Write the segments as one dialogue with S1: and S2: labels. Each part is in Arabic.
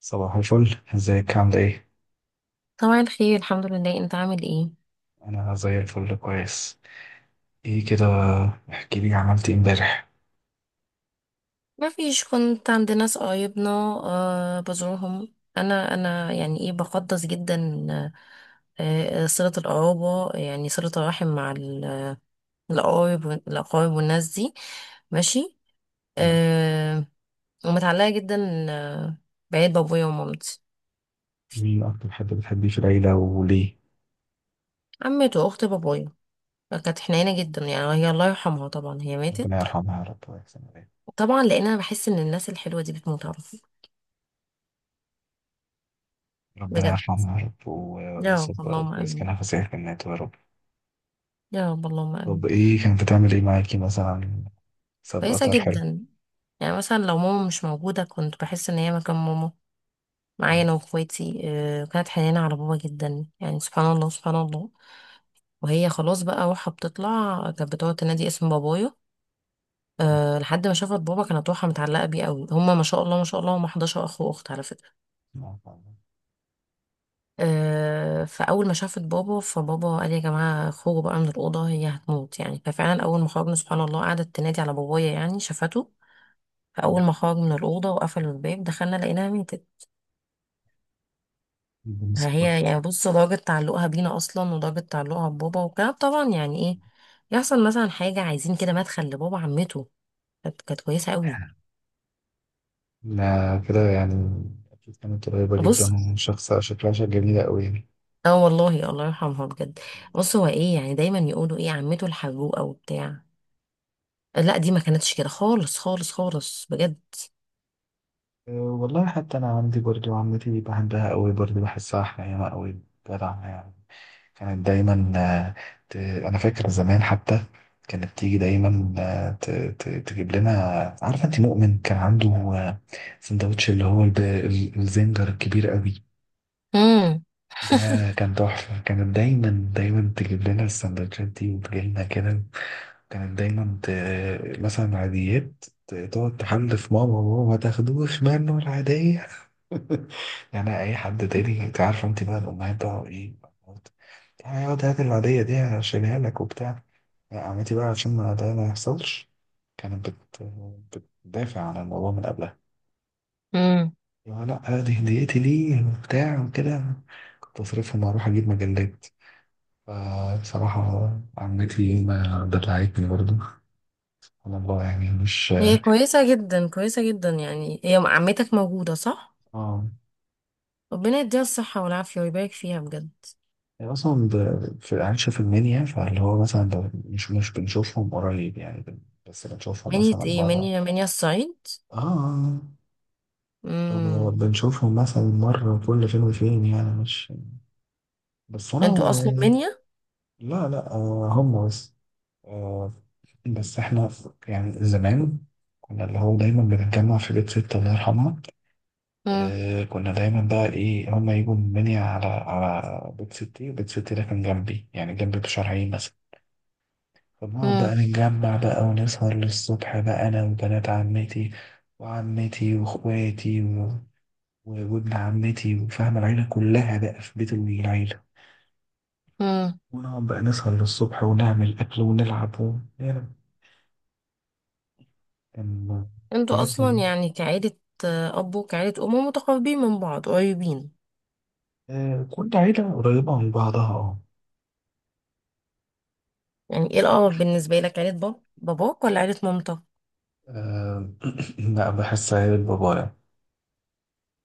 S1: صباح الفل ازيك عاملة ايه؟
S2: طبعا خير الحمد لله. انت عامل ايه؟
S1: أنا زي الفل كويس. ايه كده. احكي لي عملت ايه امبارح.
S2: ما فيش، كنت عند ناس قرايبنا. آه بزورهم انا يعني ايه، بقدس جدا. صلة القرابة يعني صلة الرحم مع القرايب الاقارب والناس دي. ماشي.
S1: مم.
S2: آه ومتعلقة جدا. آه بعيد بابويا ومامتي.
S1: مين أكتر حد بتحبيه في العيلة وليه؟
S2: عمته واخت بابويا، كانت حنينة جدا يعني، هي الله يرحمها طبعا، هي
S1: ربنا
S2: ماتت.
S1: يرحمها يا رب ويحسن إليها.
S2: طبعا لان انا بحس ان الناس الحلوة دي بتموت على طول.
S1: ربنا
S2: بجد.
S1: يرحمها يا رب
S2: يا رب
S1: ويصبرك
S2: اللهم امين.
S1: ويسكنها في سيرك النات يا رب.
S2: يا رب اللهم امين.
S1: طب ايه كانت بتعمل ايه معاكي مثلا؟
S2: كويسة
S1: سابقة حلو.
S2: جدا. يعني مثلا لو ماما مش موجودة كنت بحس ان هي مكان ماما معايا انا واخواتي. آه، كانت حنينة على بابا جدا يعني، سبحان الله سبحان الله. وهي خلاص بقى روحها بتطلع كانت بتقعد تنادي اسم بابايا. أه لحد ما شافت بابا، كانت روحها متعلقة بيه قوي. هما ما شاء الله ما شاء الله هما 11 اخ واخت على فكرة. أه، فاول ما شافت بابا، فبابا قال يا جماعة خرجوا بقى من الأوضة هي هتموت يعني. ففعلا اول ما خرجنا سبحان الله قعدت تنادي على بابايا، يعني شافته. فاول ما خرج من الأوضة وقفلوا الباب دخلنا لقيناها ميتة. هي يعني بص، درجة تعلقها بينا أصلا ودرجة تعلقها ببابا وكده طبعا يعني إيه. يحصل مثلا حاجة عايزين كده مدخل لبابا، عمته كانت كويسة قوي.
S1: لا كده يعني. أكيد كانت قريبة
S2: بص
S1: جدا وشخص شكلها شكل جميلة أوي يعني.
S2: اه والله، الله يرحمها بجد. بص، هو ايه يعني، دايما يقولوا ايه عمته الحجوقة وبتاع. لا دي ما كانتش كده خالص خالص خالص بجد.
S1: أه، والله حتى أنا عندي برضو عمتي بحبها أوي برضو بحسها حنينة أوي. جدعة يعني. كانت دايما انا فاكر زمان حتى كانت تيجي دايما تجيب لنا. عارفه انت مؤمن كان عنده سندوتش اللي هو الزنجر الكبير قوي
S2: امم
S1: ده. كان تحفه. كانت دايما دايما تجيب لنا السندوتشات دي وتجيلنا كده. كانت دايما مثلا عاديات تقعد تحلف ماما ماما ما تاخدوش منه العادية. يعني أي حد تاني، أنت عارفة أنت بقى الأمهات بقى إيه؟ يعني اقعد هات العادية دي هشيلها لك وبتاع. لا، عمتي بقى عشان ما ده ما يحصلش. كانت بت... بتدافع عن الموضوع من قبلها.
S2: امم
S1: يا لا دي هديتي ليه وبتاع وكده. كنت أصرفهم وأروح أجيب مجلات. فبصراحة عمتي ما دلعتني برضه. سبحان الله يعني مش.
S2: هي كويسة جدا كويسة جدا. يعني هي عمتك موجودة صح؟
S1: اه.
S2: ربنا يديها الصحة والعافية ويبارك فيها بجد.
S1: يعني اصلا في العيشه في المنيا، فاللي هو مثلا لو مش بنشوفهم قريب يعني بس بنشوفهم
S2: منية
S1: مثلا
S2: ايه،
S1: مره.
S2: منية منية الصعيد؟
S1: اه آه.
S2: امم
S1: بنشوفهم مثلا مره كل فين وفين يعني مش. بس انا
S2: انتوا اصلا منيا؟
S1: لا لا، آه، هم بس. آه. بس احنا يعني زمان كنا اللي هو دايما بنتجمع في بيت ستة الله يرحمها.
S2: مم.
S1: آه كنا دايما بقى ايه، هما يجوا من المنيا على على بيت ستي، وبيت ستي ده كان جنبي يعني جنبي بشارعين مثلا. فبنقعد بقى
S2: مم.
S1: نتجمع بقى ونسهر للصبح بقى أنا وبنات عمتي وعمتي وإخواتي وابن عمتي وفاهم العيلة كلها بقى في بيت العيلة.
S2: مم.
S1: ونقعد بقى نسهر للصبح ونعمل أكل ونلعب و... يعني كان
S2: انتوا
S1: حاجاتنا
S2: اصلا
S1: دي.
S2: يعني كعيلة، آه، اب وكعيلة ام، متقربين من بعض، قريبين.
S1: آه كل عيلة قريبة من بعضها اه.
S2: يعني ايه الاقرب بالنسبة لك، عيلة باباك ولا عيلة مامتك؟
S1: آه، لا بحسها عيلة بابايا.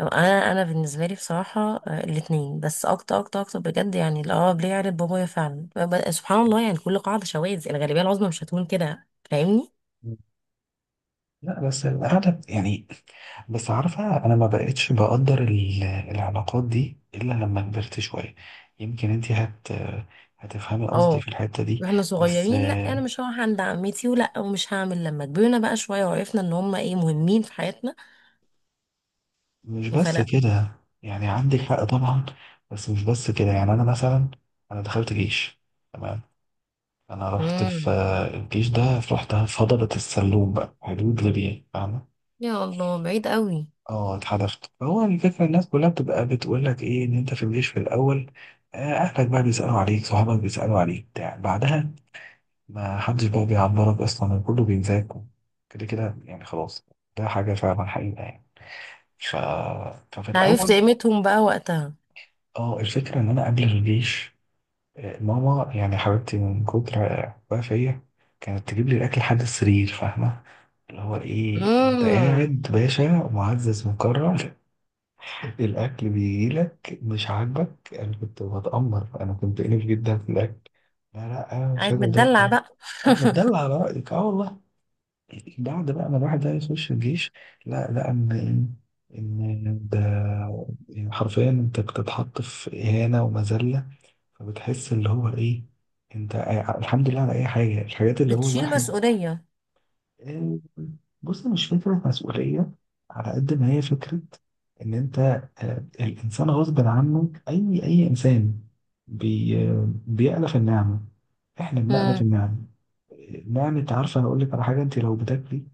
S2: لو انا، انا بالنسبة لي بصراحة آه، الاتنين، بس اكتر اكتر اكتر بجد يعني الاقرب ليا عيلة بابايا فعلا. سبحان الله يعني، كل قاعدة شواذ، الغالبية العظمى مش هتكون كده، فاهمني؟
S1: لا بس القعدة يعني. بس عارفة أنا ما بقتش بقدر العلاقات دي إلا لما كبرت شوية. يمكن أنت هتفهمي قصدي
S2: اه.
S1: في الحتة دي.
S2: واحنا
S1: بس
S2: صغيرين لا انا مش هروح عند عمتي ولا ومش هعمل، لما كبرنا بقى شوية وعرفنا ان هم ايه، مهمين في حياتنا.
S1: مش بس
S2: فلا.
S1: كده يعني عندك حق طبعا. بس مش بس كده يعني أنا مثلا أنا دخلت جيش تمام. أنا رحت في
S2: مم.
S1: الجيش ده، رحت في هضبة السلوم بقى حدود ليبيا فاهمة.
S2: يا الله، بعيد قوي.
S1: اه اتحدفت. هو الفكرة الناس كلها بتبقى بتقول لك ايه ان انت في الجيش في الاول، اهلك بقى بيسألوا عليك صحابك بيسألوا عليك بتاع، بعدها ما حدش بقى بيعبرك اصلا كله بينساك كده كده يعني خلاص. ده حاجة فعلا حقيقة يعني. ف... ففي
S2: عرفت
S1: الاول
S2: قيمتهم بقى وقتها.
S1: اه الفكرة ان انا قبل الجيش، ماما يعني حبيبتي من كتر حبها فيا كانت تجيب لي الاكل لحد السرير فاهمة. اللي هو ايه، انت
S2: امم
S1: قاعد باشا معزز مكرم، الأكل بيجيلك مش عاجبك. أنا كنت بتأمر، أنا كنت أليف جدا في الأكل. لا لا، أنا مش
S2: قاعد
S1: هاكل ده
S2: متدلع
S1: تاني.
S2: بقى.
S1: أه متدلع على رأيك، أه والله. بعد بقى ما الواحد ده يخش الجيش، لا لا إن إيه؟ إن ده يعني حرفيا أنت بتتحط في إهانة ومذلة. فبتحس اللي هو إيه، أنت الحمد لله على أي حاجة، الحاجات اللي هو
S2: بتشيل
S1: الواحد.
S2: مسؤولية.
S1: آه، بص، مش فكرة مسؤولية على قد ما هي فكرة إن أنت الإنسان غصب عنه، أي أي إنسان بي آه، بيألف النعمة، إحنا بنألف
S2: امم
S1: النعمة. نعمة. عارفة هقول لك على حاجة، أنت لو بتاكلي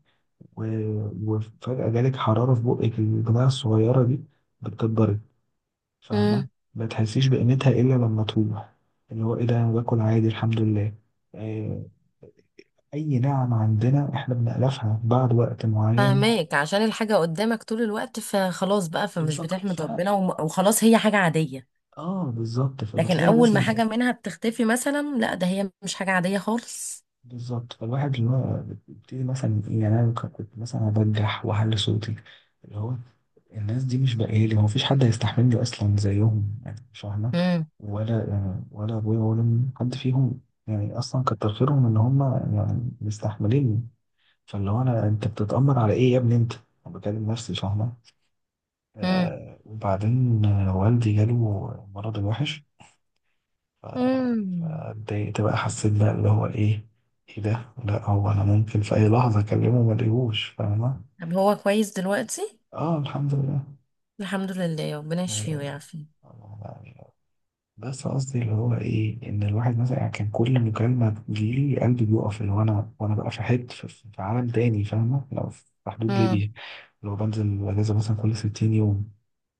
S1: و- وفجأة جالك حرارة في بقك، البتاعة الصغيرة دي بتكبرك فاهمة.
S2: امم
S1: ما تحسيش بقيمتها إلا لما تروح. اللي هو إيه ده، أنا باكل عادي الحمد لله. آه، اي نعم، عندنا احنا بنألفها بعد وقت معين.
S2: فاهماك، عشان الحاجة قدامك طول الوقت فخلاص بقى فمش
S1: بالظبط
S2: بتحمد ربنا وخلاص هي حاجة عادية.
S1: اه بالظبط
S2: لكن
S1: فبتلاقي
S2: أول ما
S1: مثلا.
S2: حاجة منها بتختفي مثلا، لا ده هي مش حاجة عادية خالص.
S1: بالظبط فالواحد اللي هو بيبتدي مثلا. يعني انا كنت مثلا ابجح واعلي صوتي، اللي هو الناس دي مش بقالي، هو مفيش حد هيستحملني اصلا زيهم يعني مش فاهمة.
S2: امم
S1: ولا، ولا ابويا ولا أمي، حد فيهم. يعني اصلا كتر خيرهم ان هم يعني مستحمليني. فاللي هو انت بتتأمر على ايه يا ابني انت؟ انا بكلم نفسي فاهمة.
S2: امم
S1: آه وبعدين والدي جاله مرض الوحش. ف-
S2: امم
S1: فاتضايقت بقى، حسيت بقى اللي هو ايه، ايه ده، لا هو انا ممكن في اي لحظة اكلمه ما الاقيهوش فاهمة.
S2: طب هو كويس دلوقتي؟
S1: اه الحمد لله.
S2: الحمد لله. ربنا يشفيه
S1: آه
S2: ويعافيه.
S1: يعني بس قصدي اللي هو ايه، ان الواحد مثلا يعني كان كل مكالمة تجيلي قلبي بيقف، اللي هو انا، وانا بقى في حتة في عالم تاني فاهمة، لو في حدود
S2: امم
S1: ليبيا، لو بنزل اجازة مثلا كل 60 يوم،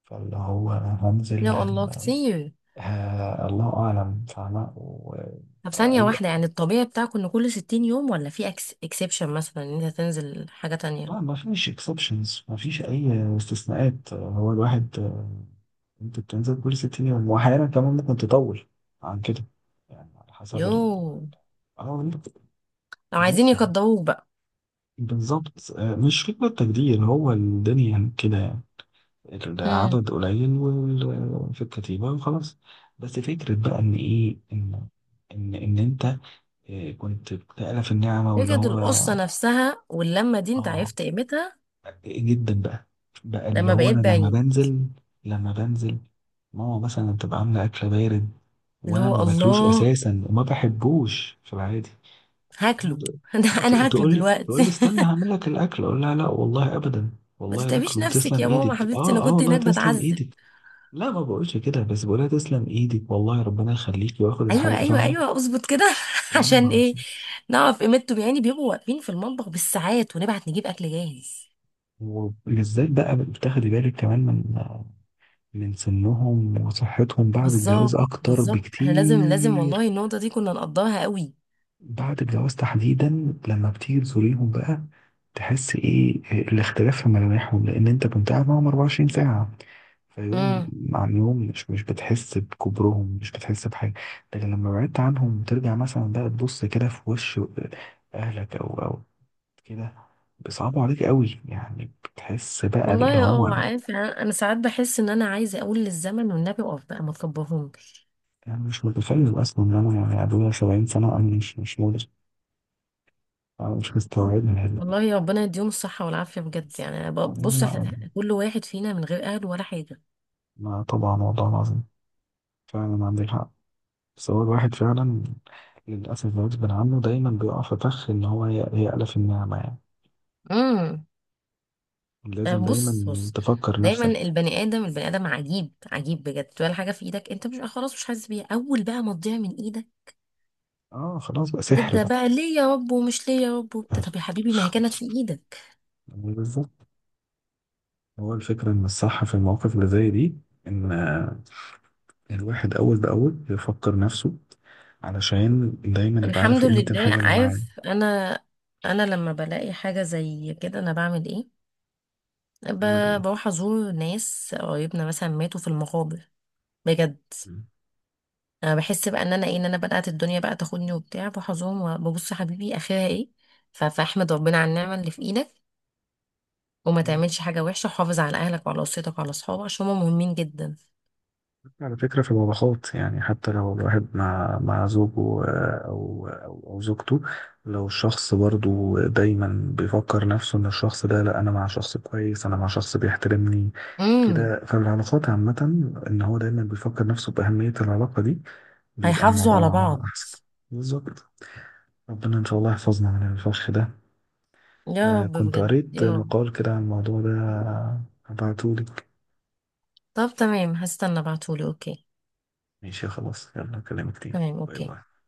S1: فاللي هو هنزل.
S2: يا الله كتير.
S1: آه الله اعلم فاهمه
S2: طب ثانية
S1: فهو
S2: واحدة، يعني الطبيعي بتاعكم ان كل 60 يوم؟ ولا في اكس اكسبشن مثلا ان انت تنزل حاجة تانية؟
S1: لا ما فيش اكسبشنز، ما فيش اي استثناءات. هو الواحد انت بتنزل كل 6 ايام واحيانا كمان ممكن تطول عن كده يعني على حسب
S2: يو.
S1: ال. اه.
S2: لو عايزين
S1: بس
S2: يقدروك بقى.
S1: بالظبط مش فكرة تجدير، هو الدنيا كده يعني.
S2: امم
S1: العدد قليل في الكتيبة وخلاص. بس فكرة بقى إن إيه إن إن إن أنت كنت بتألف النعمة واللي
S2: بجد،
S1: هو.
S2: القصة نفسها واللمة دي انت
S1: اه
S2: عرفت قيمتها
S1: جدا بقى. بقى اللي
S2: لما
S1: هو انا
S2: بقيت
S1: لما
S2: بعيد.
S1: بنزل لما بنزل ماما مثلا بتبقى عامله اكل بارد،
S2: اللي
S1: وانا ما
S2: هو
S1: باكلوش
S2: الله،
S1: اساسا وما بحبوش في العادي.
S2: هاكله. ده
S1: اه ت-
S2: انا هاكله
S1: تقول لي تقول لي
S2: دلوقتي.
S1: استنى هعمل لك الاكل، اقول لها لا والله ابدا،
S2: ما
S1: والله الاكل
S2: تتعبيش نفسك
S1: وتسلم
S2: يا ماما
S1: ايدك،
S2: حبيبتي، انا
S1: اه اه
S2: كنت
S1: والله
S2: هناك
S1: تسلم
S2: بتعذب.
S1: ايدك. لا ما بقولش كده، بس بقولها تسلم ايدك والله ربنا يخليك، واخد
S2: ايوه
S1: الحاجه
S2: ايوه
S1: فاهمه.
S2: ايوه، اظبط كده.
S1: وانا
S2: عشان
S1: ما.
S2: ايه نعرف قيمته، يعني بيبقوا واقفين في المطبخ بالساعات ونبعت نجيب اكل جاهز.
S1: وبالذات بقى بتاخدي بالك كمان من من سنهم وصحتهم بعد الجواز
S2: بالظبط
S1: أكتر
S2: بالظبط، احنا لازم لازم
S1: بكتير.
S2: والله النقطة دي كنا نقضاها قوي.
S1: بعد الجواز تحديدا لما بتيجي تزوريهم بقى، تحس إيه الاختلاف في ملامحهم، لأن أنت كنت قاعد معاهم 24 ساعة، فيوم
S2: امم
S1: عن يوم مش مش بتحس بكبرهم مش بتحس بحاجة. لكن لما بعدت عنهم ترجع مثلا بقى تبص كده في وش أهلك أو أو كده، بيصعبوا عليك قوي يعني بتحس بقى اللي
S2: والله
S1: هو.
S2: اه، عارف يعني، انا أنا ساعات بحس ان انا عايزة اقول للزمن والنبي اقف بقى، ما تكبرهمش.
S1: انا مش متخيل اصلا ان انا يعني ابويا 70 سنه، انا مش مش مدرك، أنا مش مستوعبها.
S2: والله يا ربنا يديهم الصحة والعافية بجد. يعني أنا
S1: ما
S2: بص،
S1: لا،
S2: كل واحد فينا من غير اهل ولا حاجة.
S1: ما طبعا والله العظيم فعلا عندك حق. بس هو الواحد فعلا للأسف غصب عنه دايما بيقع في فخ إن هو يألف النعمة يعني.
S2: امم آه،
S1: لازم
S2: بص
S1: دايما
S2: بص،
S1: تفكر
S2: دايما
S1: نفسك.
S2: البني ادم، البني ادم عجيب عجيب بجد. ولا حاجة في ايدك انت مش آه، خلاص مش حاسس بيها، اول بقى ما تضيع من ايدك
S1: اه خلاص بقى، سحر
S2: تبدأ
S1: بقى.
S2: بقى ليه يا رب ومش ليه يا رب وبتاع. طب يا حبيبي ما هي كانت في ايدك.
S1: يعني بالظبط. هو الفكرة إن الصح في المواقف اللي زي دي، إن الواحد أول بأول يفكر نفسه علشان دايما يبقى
S2: الحمد
S1: عارف قيمة
S2: لله.
S1: الحاجة اللي معاه.
S2: عارف انا، انا لما بلاقي حاجه زي كده انا بعمل ايه؟
S1: نعمل إيه.
S2: بروح ازور ناس قريبنا مثلا ماتوا في المقابر. بجد. انا بحس بقى ان انا ايه، ان انا بدات الدنيا بقى تاخدني وبتاع، بروح ازورهم وببص يا حبيبي اخرها ايه. فاحمد ربنا على النعمه اللي في ايدك، وما
S1: مم.
S2: تعملش حاجه وحشه، وحافظ على اهلك وعلى اسرتك وعلى اصحابك، عشان هم مهمين جدا.
S1: على فكرة في الوضعات، يعني حتى لو الواحد مع زوجه أو زوجته، لو الشخص برضو دايما بيفكر نفسه إن الشخص ده لأ أنا مع شخص كويس، أنا مع شخص بيحترمني
S2: امم
S1: كده، فالعلاقات عامة إن هو دايما بيفكر نفسه بأهمية العلاقة دي بيبقى
S2: هيحافظوا على
S1: الموضوع
S2: بعض.
S1: أحسن. بالظبط. ربنا إن شاء الله يحفظنا من الفخ ده.
S2: يا
S1: آه
S2: رب
S1: كنت
S2: بجد
S1: قريت
S2: يا رب.
S1: مقال كده عن الموضوع ده، هبعتهولك.
S2: طب تمام، هستنى ابعتهولي، اوكي.
S1: ماشي خلاص يلا أكلمك تاني،
S2: تمام
S1: باي
S2: اوكي.
S1: باي.